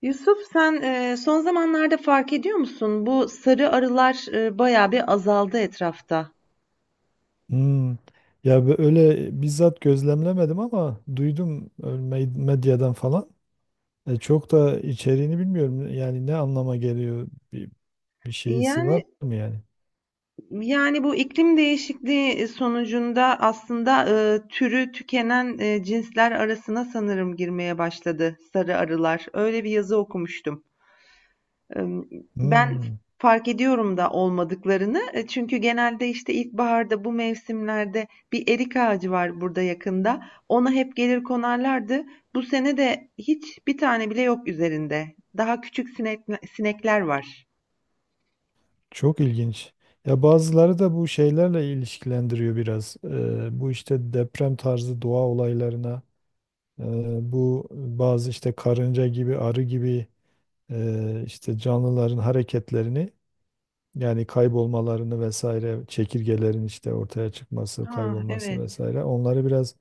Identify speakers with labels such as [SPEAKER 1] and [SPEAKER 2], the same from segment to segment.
[SPEAKER 1] Yusuf, sen son zamanlarda fark ediyor musun? Bu sarı arılar bayağı bir azaldı etrafta.
[SPEAKER 2] Hmm. Ya öyle bizzat gözlemlemedim ama duydum, medyadan falan. Çok da içeriğini bilmiyorum. Yani ne anlama geliyor bir, bir şeysi var
[SPEAKER 1] Yani
[SPEAKER 2] mı yani?
[SPEAKER 1] yani bu iklim değişikliği sonucunda aslında türü tükenen cinsler arasına sanırım girmeye başladı sarı arılar. Öyle bir yazı okumuştum. Ben
[SPEAKER 2] Hmm.
[SPEAKER 1] fark ediyorum da olmadıklarını. E, çünkü genelde, işte, ilkbaharda bu mevsimlerde bir erik ağacı var burada yakında. Ona hep gelir konarlardı. Bu sene de hiç bir tane bile yok üzerinde. Daha küçük sinekler var.
[SPEAKER 2] Çok ilginç. Ya bazıları da bu şeylerle ilişkilendiriyor biraz. Bu işte deprem tarzı doğa olaylarına, e, bu bazı işte karınca gibi, arı gibi, işte canlıların hareketlerini. Yani kaybolmalarını vesaire, çekirgelerin işte ortaya çıkması,
[SPEAKER 1] Ah,
[SPEAKER 2] kaybolması
[SPEAKER 1] evet,
[SPEAKER 2] vesaire. Onları biraz,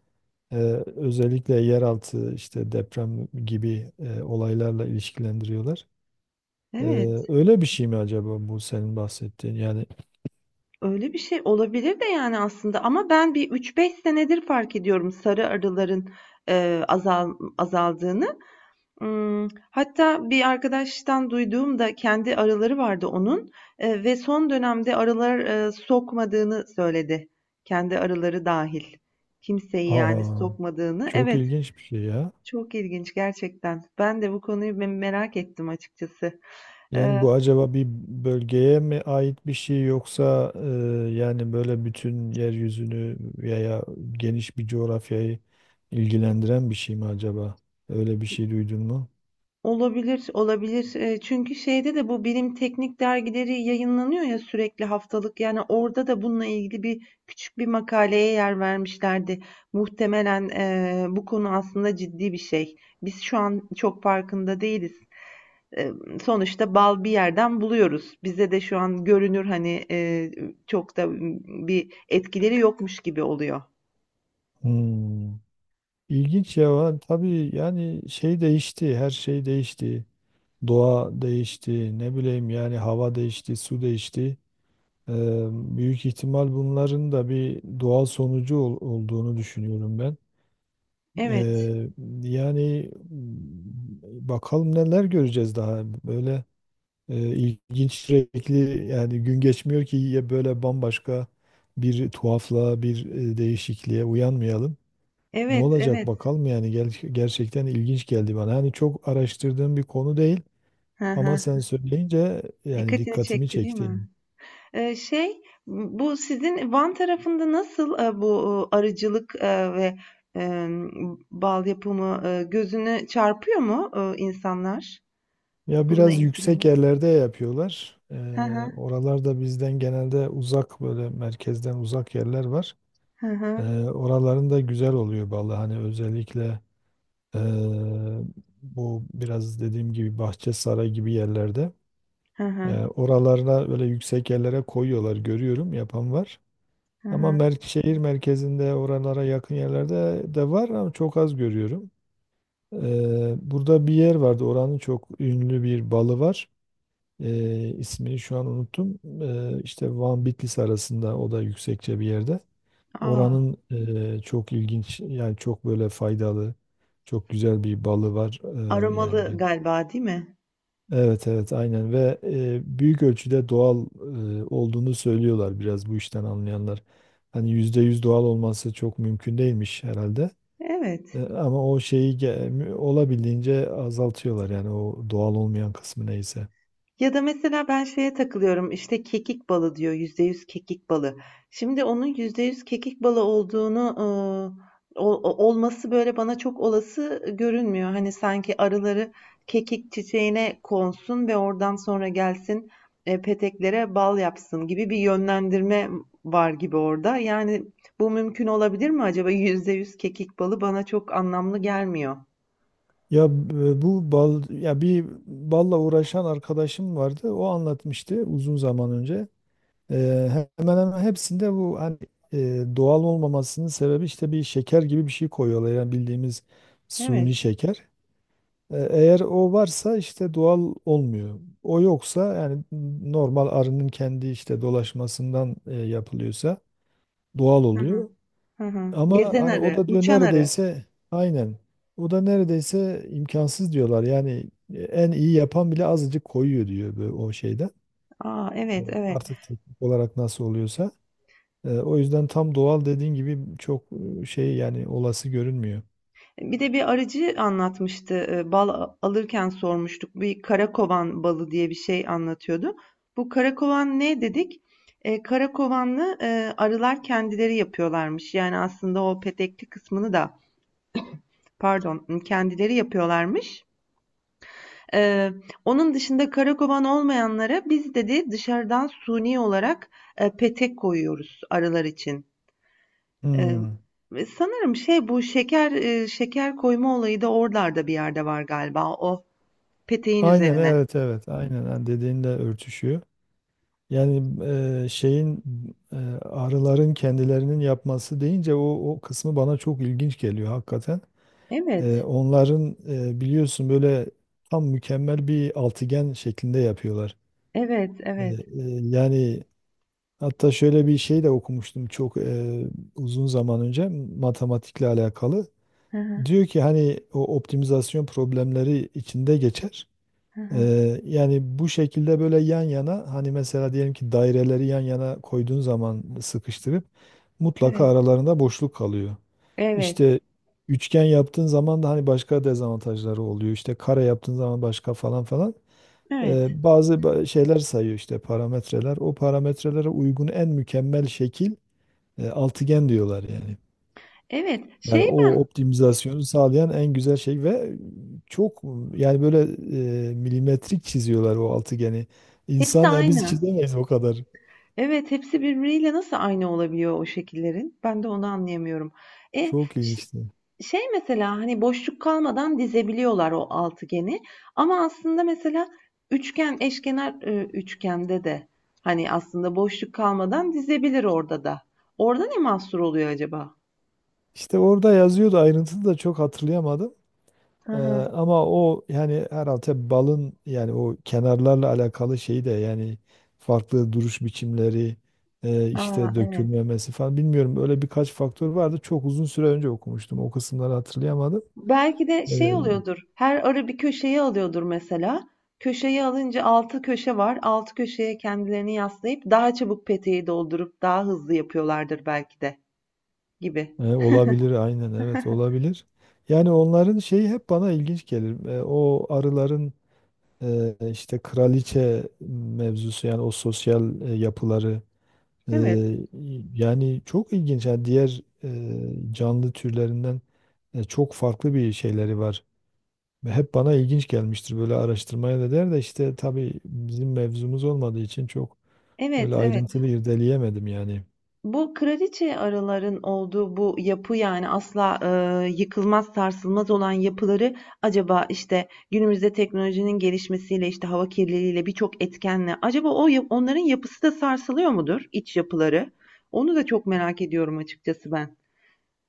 [SPEAKER 2] e, özellikle yeraltı işte deprem gibi, olaylarla ilişkilendiriyorlar. E,
[SPEAKER 1] evet.
[SPEAKER 2] öyle bir şey mi acaba bu senin bahsettiğin? Yani,
[SPEAKER 1] Öyle bir şey olabilir de, yani, aslında ama ben bir 3-5 senedir fark ediyorum sarı arıların, eee, azal azaldığını. Hatta bir arkadaştan duyduğum da kendi arıları vardı onun, ve son dönemde arılar, sokmadığını söyledi. Kendi arıları dahil kimseyi yani
[SPEAKER 2] aa,
[SPEAKER 1] sokmadığını.
[SPEAKER 2] çok
[SPEAKER 1] Evet,
[SPEAKER 2] ilginç bir şey ya.
[SPEAKER 1] çok ilginç gerçekten. Ben de bu konuyu merak ettim açıkçası.
[SPEAKER 2] Yani
[SPEAKER 1] Eee
[SPEAKER 2] bu acaba bir bölgeye mi ait bir şey yoksa, yani böyle bütün yeryüzünü veya geniş bir coğrafyayı ilgilendiren bir şey mi acaba? Öyle bir şey duydun mu?
[SPEAKER 1] Olabilir, olabilir. Çünkü şeyde de bu bilim teknik dergileri yayınlanıyor ya sürekli haftalık. Yani orada da bununla ilgili bir küçük bir makaleye yer vermişlerdi. Muhtemelen bu konu aslında ciddi bir şey. Biz şu an çok farkında değiliz, sonuçta bal bir yerden buluyoruz. Bize de şu an görünür hani çok da bir etkileri yokmuş gibi oluyor.
[SPEAKER 2] Hmm. İlginç ya. Tabii yani şey değişti, her şey değişti. Doğa değişti, ne bileyim yani hava değişti, su değişti. Ee, büyük ihtimal bunların da bir doğal sonucu olduğunu düşünüyorum ben.
[SPEAKER 1] Evet,
[SPEAKER 2] Eee, yani bakalım neler göreceğiz daha böyle, ilginç sürekli yani gün geçmiyor ki ya böyle bambaşka bir tuhaflığa bir, değişikliğe uyanmayalım. Ne
[SPEAKER 1] evet,
[SPEAKER 2] olacak
[SPEAKER 1] evet.
[SPEAKER 2] bakalım yani gerçekten ilginç geldi bana. Hani çok araştırdığım bir konu değil
[SPEAKER 1] Hı
[SPEAKER 2] ama
[SPEAKER 1] hı.
[SPEAKER 2] sen söyleyince yani
[SPEAKER 1] Dikkatini
[SPEAKER 2] dikkatimi
[SPEAKER 1] çekti, değil
[SPEAKER 2] çekti.
[SPEAKER 1] mi? Eee, şey, bu sizin Van tarafında nasıl, bu, arıcılık, ve, bal yapımı, gözüne çarpıyor mu, insanlar?
[SPEAKER 2] Ya
[SPEAKER 1] Bununla
[SPEAKER 2] biraz yüksek
[SPEAKER 1] ilgilenen.
[SPEAKER 2] yerlerde yapıyorlar.
[SPEAKER 1] Hı hı.
[SPEAKER 2] Oralarda bizden genelde uzak böyle merkezden uzak yerler var.
[SPEAKER 1] Hı
[SPEAKER 2] Ee,
[SPEAKER 1] hı.
[SPEAKER 2] oraların da güzel oluyor vallahi hani özellikle, ee, bu biraz dediğim gibi Bahçesaray gibi yerlerde,
[SPEAKER 1] Hı hı.
[SPEAKER 2] oralarına böyle yüksek yerlere koyuyorlar görüyorum yapan var.
[SPEAKER 1] Hı
[SPEAKER 2] Ama
[SPEAKER 1] hı.
[SPEAKER 2] şehir merkezinde oralara yakın yerlerde de var ama çok az görüyorum. Burada bir yer vardı oranın çok ünlü bir balı var. İsmini şu an unuttum. İşte Van Bitlis arasında o da yüksekçe bir yerde.
[SPEAKER 1] A!
[SPEAKER 2] Oranın, çok ilginç yani çok böyle faydalı, çok güzel bir balı var,
[SPEAKER 1] Aromalı
[SPEAKER 2] yengen.
[SPEAKER 1] galiba, değil mi?
[SPEAKER 2] Evet, evet, aynen. Ve büyük ölçüde doğal olduğunu söylüyorlar biraz bu işten anlayanlar. Hani %100 doğal olması çok mümkün değilmiş herhalde. E,
[SPEAKER 1] Evet.
[SPEAKER 2] ama o şeyi olabildiğince azaltıyorlar yani o doğal olmayan kısmı neyse.
[SPEAKER 1] Ya da mesela ben şeye takılıyorum, işte, kekik balı diyor, %100 kekik balı. Şimdi onun %100 kekik balı olduğunu, o olması, böyle, bana çok olası görünmüyor. Hani, sanki arıları kekik çiçeğine konsun ve oradan sonra gelsin, peteklere bal yapsın gibi bir yönlendirme var gibi orada. Yani, bu mümkün olabilir mi acaba? Yüzde yüz kekik balı bana çok anlamlı gelmiyor.
[SPEAKER 2] Ya, bu bal ya bir balla uğraşan arkadaşım vardı. O anlatmıştı uzun zaman önce. Eee, hemen hemen hepsinde bu hani, doğal olmamasının sebebi işte bir şeker gibi bir şey koyuyorlar. Yani bildiğimiz
[SPEAKER 1] Evet.
[SPEAKER 2] suni şeker. Eğer o varsa işte doğal olmuyor. O yoksa yani normal arının kendi işte dolaşmasından yapılıyorsa doğal
[SPEAKER 1] Hı hı.
[SPEAKER 2] oluyor.
[SPEAKER 1] Hı hı.
[SPEAKER 2] Ama
[SPEAKER 1] Gezen
[SPEAKER 2] hani o
[SPEAKER 1] arı,
[SPEAKER 2] da diyor
[SPEAKER 1] uçan arı.
[SPEAKER 2] neredeyse aynen. O da neredeyse imkansız diyorlar. Yani, en iyi yapan bile azıcık koyuyor diyor böyle o şeyden.
[SPEAKER 1] Aa,
[SPEAKER 2] Evet.
[SPEAKER 1] evet, evet.
[SPEAKER 2] Artık teknik olarak nasıl oluyorsa. O yüzden tam doğal dediğin gibi çok, şey yani olası görünmüyor.
[SPEAKER 1] Bir de bir arıcı anlatmıştı. Bal alırken sormuştuk. Bir karakovan balı diye bir şey anlatıyordu. Bu karakovan ne dedik? Karakovanlı arılar kendileri yapıyorlarmış. Yani aslında o petekli kısmını da, pardon, kendileri yapıyorlarmış. E, onun dışında karakovan olmayanlara biz, dedi, dışarıdan suni olarak petek koyuyoruz arılar için. Eee,
[SPEAKER 2] Hmm.
[SPEAKER 1] ve sanırım şey, bu şeker, şeker koyma olayı da oralarda bir yerde var galiba. O peteğin
[SPEAKER 2] Aynen,
[SPEAKER 1] üzerine.
[SPEAKER 2] evet, evet, aynen, ha, dediğinle örtüşüyor. Yani, şeyin, e, arıların kendilerinin yapması deyince o kısmı bana çok ilginç geliyor hakikaten. E,
[SPEAKER 1] Evet,
[SPEAKER 2] onların biliyorsun böyle tam mükemmel bir altıgen şeklinde yapıyorlar.
[SPEAKER 1] evet,
[SPEAKER 2] E, e,
[SPEAKER 1] evet.
[SPEAKER 2] yani hatta şöyle bir şey de okumuştum çok, uzun zaman önce matematikle alakalı.
[SPEAKER 1] Hı hı,
[SPEAKER 2] Diyor ki hani o optimizasyon problemleri içinde geçer.
[SPEAKER 1] hı hı.
[SPEAKER 2] Yani bu şekilde böyle yan yana hani mesela diyelim ki daireleri yan yana koyduğun zaman sıkıştırıp mutlaka
[SPEAKER 1] Evet,
[SPEAKER 2] aralarında boşluk kalıyor.
[SPEAKER 1] evet,
[SPEAKER 2] İşte üçgen yaptığın zaman da hani başka dezavantajları oluyor. İşte kare yaptığın zaman başka falan falan. Ee,
[SPEAKER 1] evet,
[SPEAKER 2] bazı şeyler sayıyor işte parametreler. O parametrelere uygun en mükemmel şekil, altıgen diyorlar yani.
[SPEAKER 1] evet.
[SPEAKER 2] Yani o optimizasyonu sağlayan en güzel şey ve çok yani böyle, milimetrik çiziyorlar o altıgeni.
[SPEAKER 1] Hepsi
[SPEAKER 2] İnsan ya biz
[SPEAKER 1] aynı.
[SPEAKER 2] çizemeyiz o kadar.
[SPEAKER 1] Evet, hepsi birbiriyle nasıl aynı olabiliyor o şekillerin? Ben de onu anlayamıyorum. E,
[SPEAKER 2] Çok ilginçti.
[SPEAKER 1] Şey, mesela, hani, boşluk kalmadan dizebiliyorlar o altıgeni, ama aslında mesela üçgen, eşkenar, üçgende de, hani, aslında boşluk kalmadan dizebilir orada da. Orada ne mahsur oluyor acaba?
[SPEAKER 2] İşte orada yazıyordu ayrıntısı da çok hatırlayamadım.
[SPEAKER 1] Hı
[SPEAKER 2] E,
[SPEAKER 1] hı.
[SPEAKER 2] ama o yani herhalde balın yani o kenarlarla alakalı şeyi de yani farklı duruş biçimleri,
[SPEAKER 1] A,
[SPEAKER 2] işte
[SPEAKER 1] evet.
[SPEAKER 2] dökülmemesi falan bilmiyorum öyle birkaç faktör vardı. Çok uzun süre önce okumuştum. O kısımları hatırlayamadım.
[SPEAKER 1] Belki de
[SPEAKER 2] E,
[SPEAKER 1] şey oluyordur, her arı bir köşeyi alıyordur mesela. Köşeyi alınca 6 köşe var. 6 köşeye kendilerini yaslayıp daha çabuk peteği doldurup daha hızlı yapıyorlardır belki de, gibi.
[SPEAKER 2] olabilir aynen, evet, olabilir. Yani onların şeyi hep bana ilginç gelir. O arıların, işte kraliçe mevzusu yani o sosyal, yapıları, e,
[SPEAKER 1] Evet.
[SPEAKER 2] yani çok ilginç. Yani diğer, canlı türlerinden, çok farklı bir şeyleri var. Ve hep bana ilginç gelmiştir böyle araştırmaya da der de işte tabii bizim mevzumuz olmadığı için çok öyle
[SPEAKER 1] Evet, evet.
[SPEAKER 2] ayrıntılı irdeleyemedim yani.
[SPEAKER 1] Bu kraliçe arıların olduğu bu yapı, yani asla, yıkılmaz, sarsılmaz olan yapıları, acaba, işte, günümüzde teknolojinin gelişmesiyle, işte, hava kirliliğiyle, birçok etkenle acaba o, ya, onların yapısı da sarsılıyor mudur, iç yapıları? Onu da çok merak ediyorum açıkçası ben.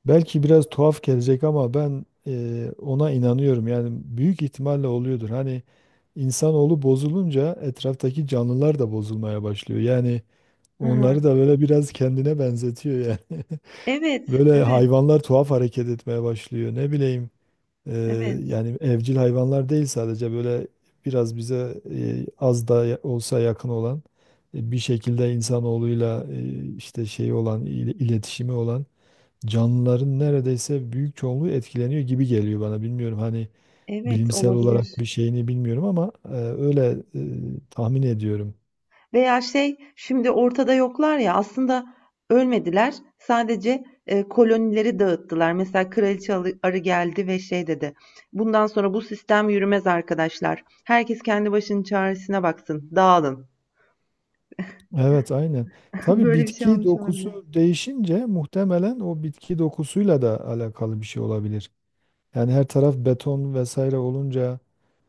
[SPEAKER 2] Belki biraz tuhaf gelecek ama ben, ona inanıyorum. Yani büyük ihtimalle oluyordur. Hani insanoğlu bozulunca etraftaki canlılar da bozulmaya başlıyor. Yani
[SPEAKER 1] Hı hı.
[SPEAKER 2] onları da böyle biraz kendine benzetiyor yani.
[SPEAKER 1] Evet,
[SPEAKER 2] Böyle
[SPEAKER 1] evet,
[SPEAKER 2] hayvanlar tuhaf hareket etmeye başlıyor. Ne bileyim, e,
[SPEAKER 1] evet,
[SPEAKER 2] yani evcil hayvanlar değil sadece böyle biraz bize, az da olsa yakın olan, bir şekilde insanoğluyla, işte şey olan iletişimi olan canlıların neredeyse büyük çoğunluğu etkileniyor gibi geliyor bana. Bilmiyorum hani
[SPEAKER 1] evet,
[SPEAKER 2] bilimsel olarak
[SPEAKER 1] olabilir.
[SPEAKER 2] bir şeyini bilmiyorum ama, öyle, tahmin ediyorum.
[SPEAKER 1] Veya şey, şimdi ortada yoklar ya, aslında ölmediler. Sadece, kolonileri dağıttılar. Mesela kraliçe arı geldi ve şey dedi, "Bundan sonra bu sistem yürümez arkadaşlar. Herkes kendi başının çaresine baksın. Dağılın."
[SPEAKER 2] Evet, aynen. Tabii
[SPEAKER 1] Böyle bir şey
[SPEAKER 2] bitki
[SPEAKER 1] olmuş
[SPEAKER 2] dokusu
[SPEAKER 1] olabilir.
[SPEAKER 2] değişince muhtemelen o bitki dokusuyla da alakalı bir şey olabilir. Yani her taraf beton vesaire olunca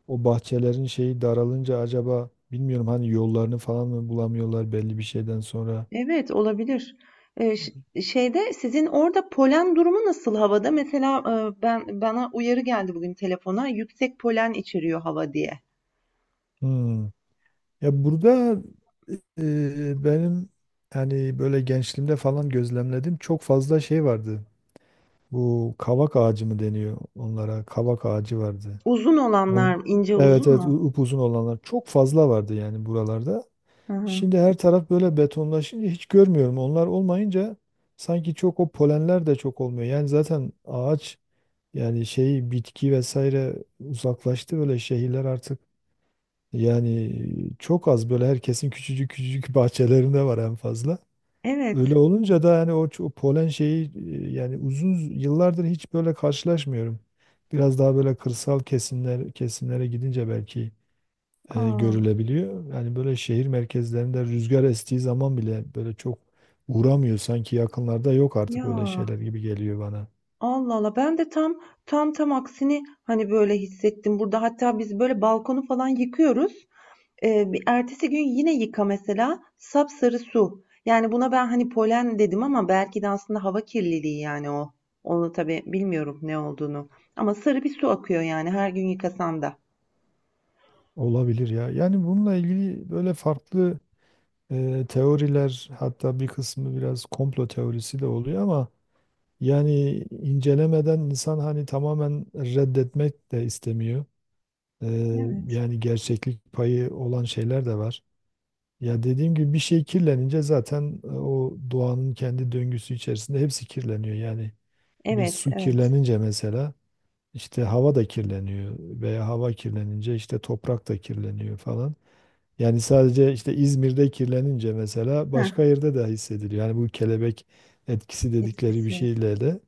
[SPEAKER 2] o bahçelerin şeyi daralınca acaba bilmiyorum hani yollarını falan mı bulamıyorlar belli bir şeyden sonra.
[SPEAKER 1] Evet, olabilir. Ş Şeyde, sizin orada polen durumu nasıl havada? Mesela, ben, bana uyarı geldi bugün telefona, yüksek polen içeriyor hava diye.
[SPEAKER 2] Hmm. Ya burada, benim hani böyle gençliğimde falan gözlemledim çok fazla şey vardı. Bu kavak ağacı mı deniyor onlara? Kavak ağacı vardı.
[SPEAKER 1] Uzun
[SPEAKER 2] On,
[SPEAKER 1] olanlar, ince
[SPEAKER 2] evet,
[SPEAKER 1] uzun
[SPEAKER 2] evet,
[SPEAKER 1] mu?
[SPEAKER 2] upuzun olanlar çok fazla vardı yani buralarda.
[SPEAKER 1] Hı hı.
[SPEAKER 2] Şimdi her taraf böyle betonlaşınca hiç görmüyorum. Onlar olmayınca sanki çok o polenler de çok olmuyor. Yani zaten ağaç yani şey bitki vesaire uzaklaştı böyle şehirler artık yani çok az böyle herkesin küçücük küçücük bahçelerinde var en fazla. Öyle
[SPEAKER 1] Evet.
[SPEAKER 2] olunca da yani o polen şeyi, yani uzun yıllardır hiç böyle karşılaşmıyorum. Biraz daha böyle kırsal kesimlere gidince belki,
[SPEAKER 1] Aa,
[SPEAKER 2] görülebiliyor. Yani böyle şehir merkezlerinde rüzgar estiği zaman bile böyle çok uğramıyor sanki yakınlarda yok
[SPEAKER 1] ya,
[SPEAKER 2] artık öyle şeyler gibi geliyor bana.
[SPEAKER 1] Allah Allah, ben de tam aksini hani böyle hissettim burada, hatta biz böyle balkonu falan yıkıyoruz. Bir ertesi gün yine yıka mesela, sapsarı su, yani buna ben hani polen dedim ama belki de aslında hava kirliliği, yani onu tabii bilmiyorum ne olduğunu, ama sarı bir su akıyor yani her gün yıkasam da.
[SPEAKER 2] Olabilir ya. Yani bununla ilgili böyle farklı, teoriler hatta bir kısmı biraz komplo teorisi de oluyor ama yani incelemeden insan hani tamamen reddetmek de istemiyor. E,
[SPEAKER 1] Evet.
[SPEAKER 2] yani gerçeklik payı olan şeyler de var. Ya dediğim gibi bir şey kirlenince zaten, o doğanın kendi döngüsü içerisinde hepsi kirleniyor. Yani bir
[SPEAKER 1] Evet,
[SPEAKER 2] su
[SPEAKER 1] evet.
[SPEAKER 2] kirlenince mesela işte hava da kirleniyor veya hava kirlenince işte toprak da kirleniyor falan. Yani sadece işte İzmir'de kirlenince mesela
[SPEAKER 1] Heh,
[SPEAKER 2] başka yerde de hissediliyor. Yani bu kelebek etkisi dedikleri bir
[SPEAKER 1] etkisi.
[SPEAKER 2] şeyle de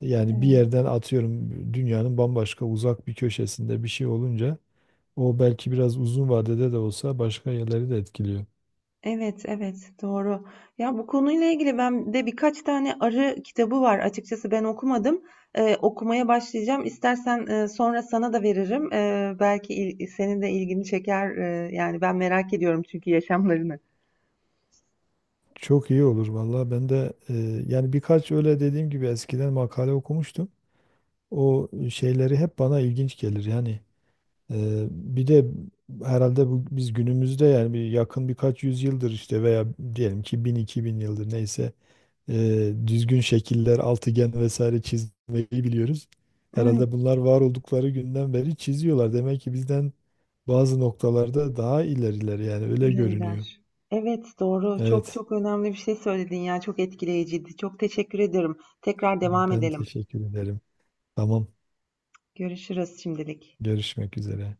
[SPEAKER 2] yani bir
[SPEAKER 1] Evet.
[SPEAKER 2] yerden atıyorum dünyanın bambaşka uzak bir köşesinde bir şey olunca o belki biraz uzun vadede de olsa başka yerleri de etkiliyor.
[SPEAKER 1] Evet, evet, doğru. Ya, bu konuyla ilgili ben de birkaç tane arı kitabı var. Açıkçası ben okumadım. Okumaya başlayacağım. İstersen, sonra sana da veririm. Belki senin de ilgini çeker. Yani ben merak ediyorum çünkü yaşamlarını.
[SPEAKER 2] Çok iyi olur vallahi ben de, yani birkaç öyle dediğim gibi eskiden makale okumuştum. O şeyleri hep bana ilginç gelir. Yani, bir de herhalde bu, biz günümüzde yani bir yakın birkaç yüzyıldır işte veya diyelim ki 1000-2000 yıldır neyse, düzgün şekiller, altıgen vesaire çizmeyi biliyoruz.
[SPEAKER 1] Evet,
[SPEAKER 2] Herhalde bunlar var oldukları günden beri çiziyorlar. Demek ki bizden bazı noktalarda daha ileriler yani öyle görünüyor.
[SPEAKER 1] ileriler. Evet, doğru. Çok
[SPEAKER 2] Evet,
[SPEAKER 1] çok önemli bir şey söyledin ya. Çok etkileyiciydi. Çok teşekkür ederim. Tekrar devam
[SPEAKER 2] ben
[SPEAKER 1] edelim.
[SPEAKER 2] teşekkür ederim. Tamam,
[SPEAKER 1] Görüşürüz şimdilik.
[SPEAKER 2] görüşmek üzere.